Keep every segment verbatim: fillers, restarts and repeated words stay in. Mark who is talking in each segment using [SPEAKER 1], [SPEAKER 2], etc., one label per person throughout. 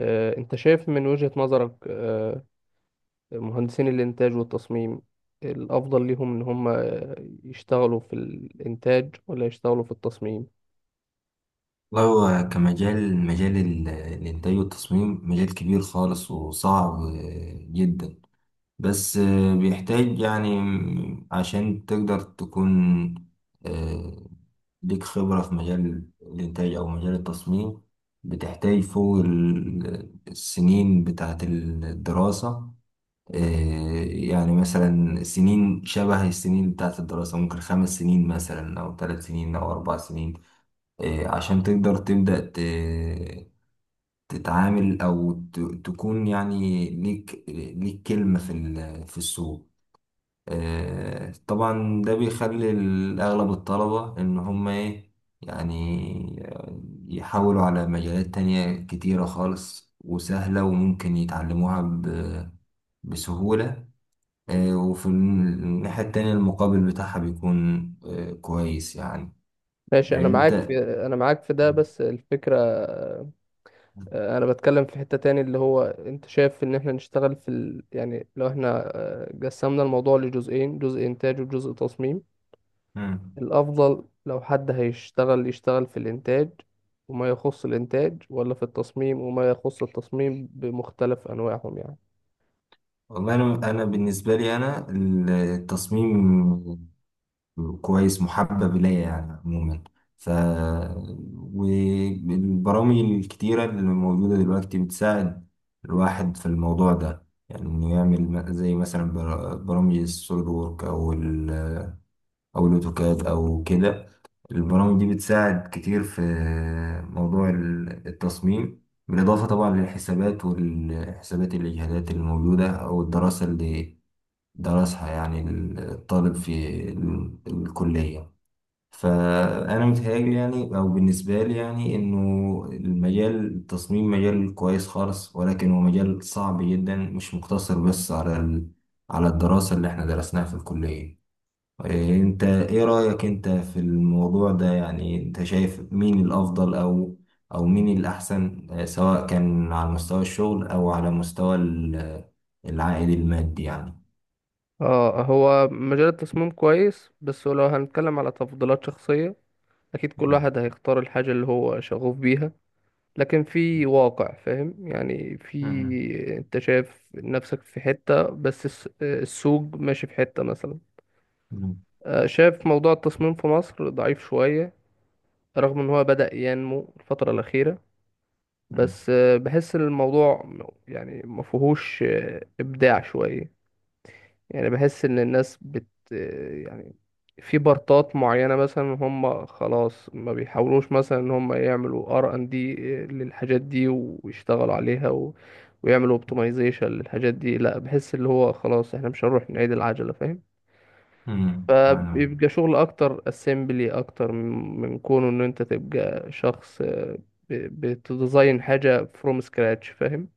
[SPEAKER 1] آه، أنت شايف من وجهة نظرك آه، مهندسين الإنتاج والتصميم الأفضل ليهم إن هم آه، يشتغلوا في الإنتاج ولا يشتغلوا في التصميم؟
[SPEAKER 2] والله هو كمجال مجال ال- الإنتاج والتصميم مجال كبير خالص وصعب جدا. بس بيحتاج يعني عشان تقدر تكون آه، ليك خبرة في مجال الإنتاج أو مجال التصميم، بتحتاج فوق ال- السنين بتاعة الدراسة. آه، يعني مثلا سنين شبه السنين بتاعة الدراسة، ممكن خمس سنين مثلا أو ثلاث سنين أو أربع سنين. إيه، عشان تقدر تبدأ ت- تتعامل أو ت- تكون يعني ليك ليك كلمة في ال- في السوق. آه، طبعا ده بيخلي ال- أغلب الطلبة إن هم إيه، يعني يحاولوا على مجالات تانية كتيرة خالص وسهلة وممكن يتعلموها ب- بسهولة. آه، وفي الناحية التانية المقابل بتاعها بيكون آه، كويس يعني.
[SPEAKER 1] ماشي، أنا معاك
[SPEAKER 2] أنت.
[SPEAKER 1] في أنا معاك في ده. بس الفكرة آه، آه، أنا بتكلم في حتة تاني اللي هو أنت شايف إن إحنا نشتغل في ال... يعني لو إحنا آه، قسمنا الموضوع لجزئين، جزء إنتاج وجزء تصميم.
[SPEAKER 2] مم.
[SPEAKER 1] الأفضل لو حد هيشتغل يشتغل في الإنتاج وما يخص الإنتاج ولا في التصميم وما يخص التصميم بمختلف أنواعهم يعني.
[SPEAKER 2] والله انا انا بالنسبه لي انا، التصميم كويس محبب الي يعني عموما. ف والبرامج الكتيره اللي موجوده دلوقتي بتساعد الواحد في الموضوع ده، يعني انه يعمل م- زي مثلا بر- برامج السوليد وورك او ال او الاوتوكاد او كده. البرامج دي بتساعد كتير في موضوع ال- التصميم، بالاضافه طبعا للحسابات والحسابات الاجهادات الموجوده او الدراسه اللي درسها يعني الطالب في ال- الكلية. فأنا متهيألي يعني، أو بالنسبة لي يعني، إنه المجال التصميم مجال كويس خالص، ولكن هو مجال صعب جدا، مش مقتصر بس على ال... على الدراسة اللي إحنا درسناها في الكلية. إيه، أنت إيه رأيك أنت في الموضوع ده؟ يعني أنت شايف مين الأفضل، أو أو مين الأحسن، آه، سواء كان على مستوى الشغل أو على مستوى ال- العائد المادي يعني؟
[SPEAKER 1] اه، هو مجال التصميم كويس، بس لو هنتكلم على تفضيلات شخصية أكيد كل واحد هيختار الحاجة اللي هو شغوف بيها. لكن في واقع فاهم يعني،
[SPEAKER 2] مم.
[SPEAKER 1] في انت شايف نفسك في حتة بس الس- السوق ماشي في حتة مثلا.
[SPEAKER 2] مم.
[SPEAKER 1] آه، شايف موضوع التصميم في مصر ضعيف شوية رغم ان هو بدأ ينمو الفترة الأخيرة.
[SPEAKER 2] مم.
[SPEAKER 1] بس آه، بحس ان الموضوع م- يعني ما فيهوش آه، ابداع شويه. يعني بحس ان الناس بت آه، يعني، في بارتات معينه مثلا هم خلاص ما بيحاولوش مثلا ان هم يعملوا ار ان دي للحاجات دي ويشتغلوا عليها و... ويعملوا اوبتمايزيشن للحاجات دي، لا بحس اللي هو خلاص احنا مش هنروح نعيد العجله فاهم.
[SPEAKER 2] مم. فاهم.
[SPEAKER 1] فبيبقى شغل اكتر اسمبلي اكتر من من كونه ان انت تبقى شخص، آه، ب- بتديزاين حاجه فروم سكراتش فاهم.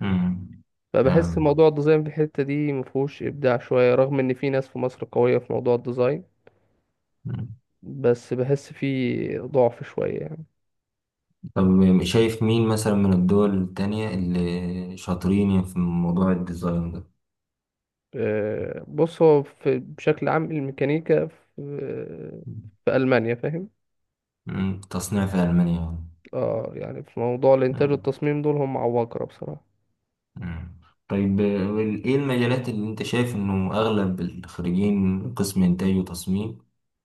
[SPEAKER 2] مم.
[SPEAKER 1] فبحس
[SPEAKER 2] فاهم.
[SPEAKER 1] موضوع الديزاين في الحتة دي مفهوش إبداع شوية، رغم إن في ناس في مصر قوية في موضوع الديزاين.
[SPEAKER 2] مم.
[SPEAKER 1] بس بحس فيه ضعف شوية يعني.
[SPEAKER 2] طب شايف مين مثلا من الدول التانية اللي شاطرين في موضوع الديزاين ده؟
[SPEAKER 1] آه، بص، هو في بشكل عام الميكانيكا في, في ألمانيا فاهم.
[SPEAKER 2] مم. تصنيع في ألمانيا يعني.
[SPEAKER 1] اه يعني في موضوع الإنتاج
[SPEAKER 2] مم.
[SPEAKER 1] والتصميم دول هم عباقرة بصراحة.
[SPEAKER 2] مم. طيب، آه، وال- ايه المجالات اللي انت شايف انه اغلب الخريجين قسم انتاج وتصميم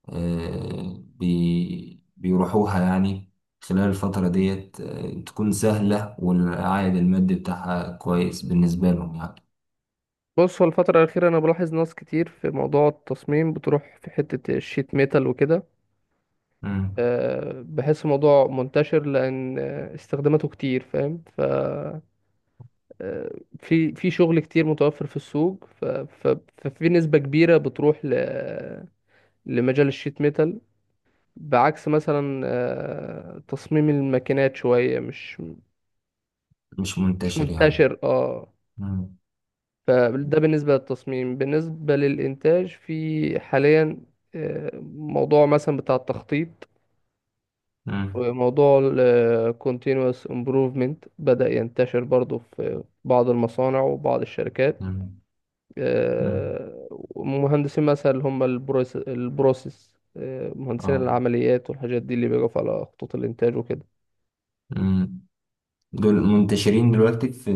[SPEAKER 2] آه بي بيروحوها يعني، خلال الفترة ديت، آه، تكون سهلة والعائد المادي بتاعها كويس بالنسبة لهم يعني؟
[SPEAKER 1] بص، هو الفترة الأخيرة أنا بلاحظ ناس كتير في موضوع التصميم بتروح في حتة الشيت ميتال وكده.
[SPEAKER 2] مم.
[SPEAKER 1] آه، بحس الموضوع منتشر لأن آه، استخداماته كتير فاهم. ف في في شغل كتير متوفر في السوق ف- ف- ففي نسبة كبيرة بتروح ل... لمجال الشيت ميتال، بعكس مثلا آه، تصميم الماكينات شوية مش
[SPEAKER 2] مش
[SPEAKER 1] مش
[SPEAKER 2] منتشر يعني.
[SPEAKER 1] منتشر اه.
[SPEAKER 2] مم.
[SPEAKER 1] فده بالنسبة للتصميم. بالنسبة للإنتاج في حاليا، آه، موضوع مثلا بتاع التخطيط
[SPEAKER 2] مم.
[SPEAKER 1] وموضوع ال continuous improvement بدأ ينتشر برضو في بعض المصانع وبعض الشركات.
[SPEAKER 2] مم. مم.
[SPEAKER 1] آه، ومهندسين مثلا اللي هم البروس البروسيس، آه، مهندسين
[SPEAKER 2] اه.
[SPEAKER 1] العمليات والحاجات دي اللي بيقف على خطوط الانتاج وكده.
[SPEAKER 2] مم. دول منتشرين دلوقتي في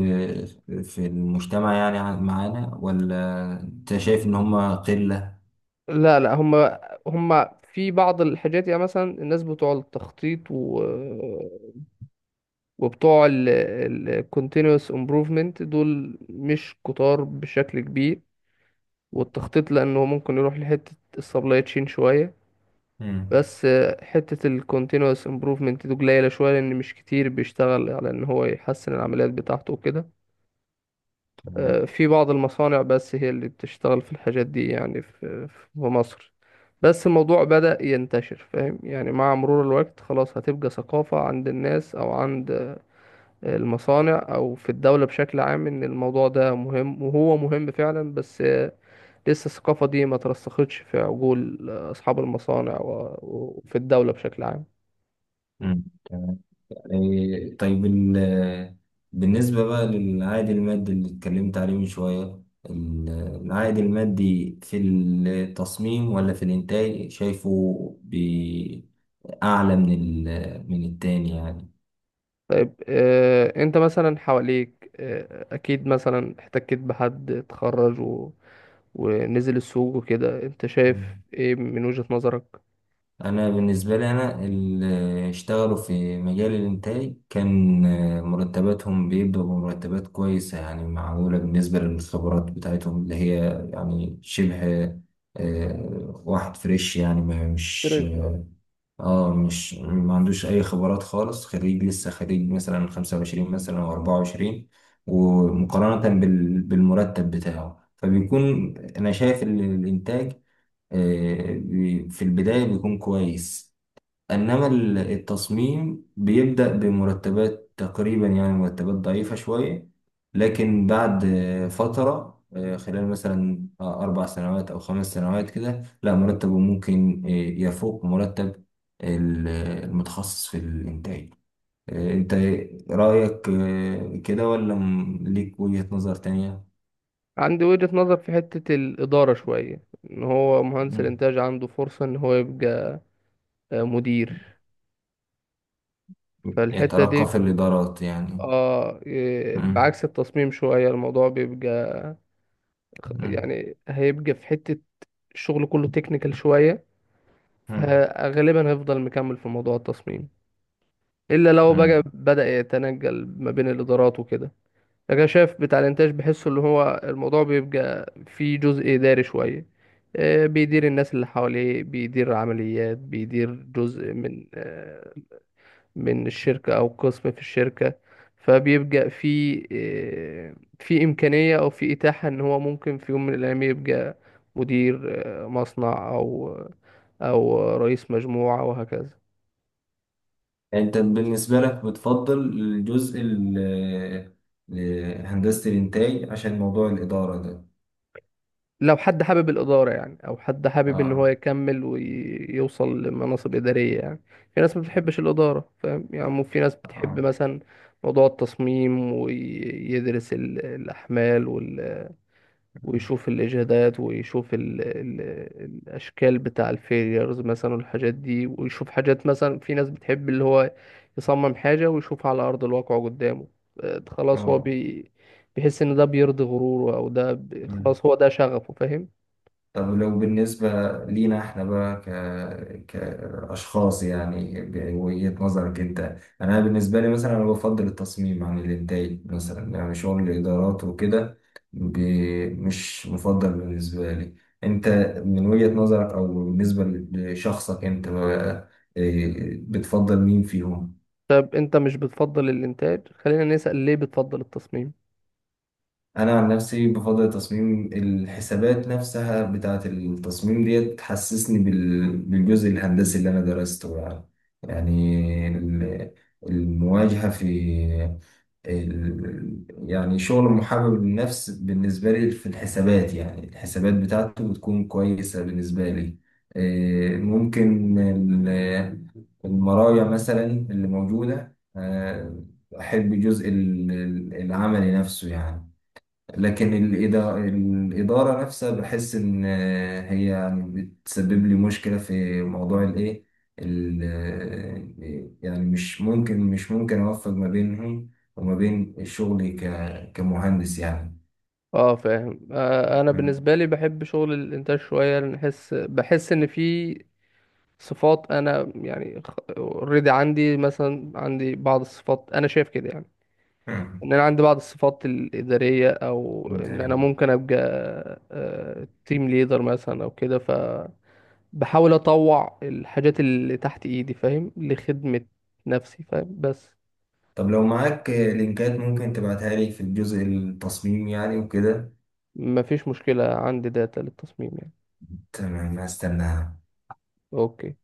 [SPEAKER 2] في المجتمع يعني، ع- معانا، ولا انت شايف ان هم قلة؟
[SPEAKER 1] لا، لا، هم هم في بعض الحاجات يعني، مثلا الناس بتوع التخطيط و... وبتوع ال ال continuous improvement دول مش كتار بشكل كبير. والتخطيط لانه ممكن يروح لحتة السبلاي تشين شوية.
[SPEAKER 2] مم.
[SPEAKER 1] بس حتة ال continuous improvement دي قليلة شوية لأن مش كتير بيشتغل على إن هو يحسن العمليات بتاعته وكده.
[SPEAKER 2] تمام.
[SPEAKER 1] آه، في بعض المصانع بس هي اللي بتشتغل في الحاجات دي يعني في في مصر. بس الموضوع بدأ ينتشر فاهم، يعني مع مرور الوقت خلاص هتبقى ثقافة عند الناس أو عند آه، المصانع أو في الدولة بشكل عام إن الموضوع ده مهم وهو مهم فعلا. بس آه، لسه الثقافة دي ما ترسختش في عقول آه، أصحاب المصانع و- وفي الدولة بشكل عام.
[SPEAKER 2] مم. تمام. إيه، طيب ال- بالنسبة بقى للعائد المادي اللي اتكلمت عليه من شوية، ال- العائد المادي في التصميم ولا في الإنتاج، شايفه اعلى من ال- من التاني يعني؟
[SPEAKER 1] طيب، آه، انت مثلا حواليك، آه، اكيد مثلا احتكيت بحد اتخرج و... ونزل السوق وكده. انت شايف
[SPEAKER 2] مم.
[SPEAKER 1] ايه من وجهة نظرك؟
[SPEAKER 2] انا بالنسبه لي، انا اللي اشتغلوا في مجال الانتاج كان آه، مرتباتهم بيبدأوا بمرتبات كويسه، يعني معقوله بالنسبه للخبرات بتاعتهم اللي هي يعني شبه آه، واحد فريش يعني، ما مش
[SPEAKER 1] اشتريت اه.
[SPEAKER 2] اه مش ما عندوش اي خبرات خالص، خريج لسه، خريج مثلا خمسة وعشرين مثلا او أربعة وعشرين. ومقارنه بال- بالمرتب بتاعه فبيكون انا شايف ال- الانتاج آه، بي- في البداية بيكون كويس. إنما ال- التصميم بيبدأ بمرتبات تقريبا، يعني مرتبات ضعيفة شوية، لكن بعد آه، فترة، آه، خلال مثلا آه، أربع سنوات أو خمس سنوات كده، لا مرتبه ممكن آه، يفوق مرتب ال- المتخصص في الإنتاج. آه، أنت رأيك آه، كده، ولا م- ليك وجهة نظر تانية؟
[SPEAKER 1] عندي وجهة نظر في حتة الإدارة شوية، إن هو مهندس
[SPEAKER 2] مم.
[SPEAKER 1] الإنتاج عنده فرصة إن هو يبقى آه، مدير. فالحتة
[SPEAKER 2] يترقى
[SPEAKER 1] دي،
[SPEAKER 2] في الإدارات يعني.
[SPEAKER 1] آه إيه،
[SPEAKER 2] مم.
[SPEAKER 1] بعكس التصميم شوية الموضوع بيبقى،
[SPEAKER 2] مم.
[SPEAKER 1] يعني هيبقى في حتة الشغل كله تكنيكال شوية،
[SPEAKER 2] مم.
[SPEAKER 1] فغالبا هيفضل مكمل في موضوع التصميم. الا لو بقى
[SPEAKER 2] مم.
[SPEAKER 1] بدأ يتنجل ما بين الادارات وكده. لكن أنا شايف بتاع الانتاج بحسه اللي هو الموضوع بيبقى فيه جزء اداري شويه، آه، بيدير الناس اللي حواليه، بيدير عمليات، بيدير جزء من آه، من الشركه او قسم في الشركه. فبيبقى في آه، في امكانيه او في اتاحه ان هو ممكن في يوم من الايام يبقى مدير آه، مصنع او آه، او رئيس مجموعه وهكذا.
[SPEAKER 2] يعني انت بالنسبة لك بتفضل الجزء ال- ال- هندسة الإنتاج عشان موضوع الإدارة ده؟
[SPEAKER 1] لو حد حابب الإدارة يعني، أو حد حابب إن هو
[SPEAKER 2] اه.
[SPEAKER 1] يكمل ويوصل لمناصب إدارية يعني. في ناس ما بتحبش الإدارة فاهم يعني، مو- في ناس بتحب
[SPEAKER 2] اه.
[SPEAKER 1] مثلا موضوع التصميم ويدرس ال- الأحمال وال...
[SPEAKER 2] مم.
[SPEAKER 1] ويشوف الإجهادات ويشوف ال... ال... الأشكال بتاع الفيليرز مثلا والحاجات دي، ويشوف حاجات مثلا في ناس بتحب اللي هو يصمم حاجة ويشوفها على أرض الواقع قدامه. آه، خلاص هو
[SPEAKER 2] اه.
[SPEAKER 1] بي... بيحس إن ده بيرضي غروره أو ده ب...
[SPEAKER 2] مم.
[SPEAKER 1] خلاص هو ده شغفه فاهم.
[SPEAKER 2] طب لو بالنسبة لينا احنا بقى، ك... كأشخاص يعني، بوجهة نظرك انت. انا بالنسبة لي مثلا، انا بفضل التصميم عن الانتاج مثلا، يعني شغل الادارات وكده ب... مش مفضل بالنسبة لي. انت من وجهة نظرك، او بالنسبة لشخصك انت بقى، إيه، بتفضل مين فيهم؟
[SPEAKER 1] طب انت مش بتفضل الانتاج، خلينا نسأل ليه بتفضل التصميم.
[SPEAKER 2] انا عن نفسي بفضل تصميم، الحسابات نفسها بتاعه التصميم ديت تحسسني بال- بالجزء الهندسي اللي انا درسته يعني، يعني ال- المواجهه في ال... يعني شغل محبب للنفس بالنسبه لي في الحسابات، يعني الحسابات بتاعته بتكون كويسه بالنسبه لي. إيه، ممكن ال- المراجع مثلا اللي موجوده، آه، احب جزء ال- ال- العملي نفسه يعني. لكن الإدا- الإدارة نفسها بحس إن هي يعني بتسبب لي مشكلة في موضوع الإيه، ال- يعني مش ممكن مش ممكن أوفق ما بينهم وما بين شغلي ك- كمهندس يعني.
[SPEAKER 1] اه فاهم. آه انا
[SPEAKER 2] مم.
[SPEAKER 1] بالنسبه لي بحب شغل الانتاج شويه لان احس بحس ان في صفات انا يعني، اوريدي عندي مثلا، عندي بعض الصفات انا شايف كده يعني،
[SPEAKER 2] مم.
[SPEAKER 1] ان انا عندي بعض الصفات الاداريه او ان انا
[SPEAKER 2] انتهينا.
[SPEAKER 1] ممكن ابقى تيم ليدر مثلا او كده. فبحاول اطوع الحاجات اللي تحت ايدي فاهم لخدمه نفسي فاهم. بس
[SPEAKER 2] طب لو معاك لينكات ممكن تبعتها لي في الجزء التصميم يعني وكده.
[SPEAKER 1] مفيش مشكلة عندي داتا للتصميم يعني.
[SPEAKER 2] تمام، هستناها.
[SPEAKER 1] اوكي.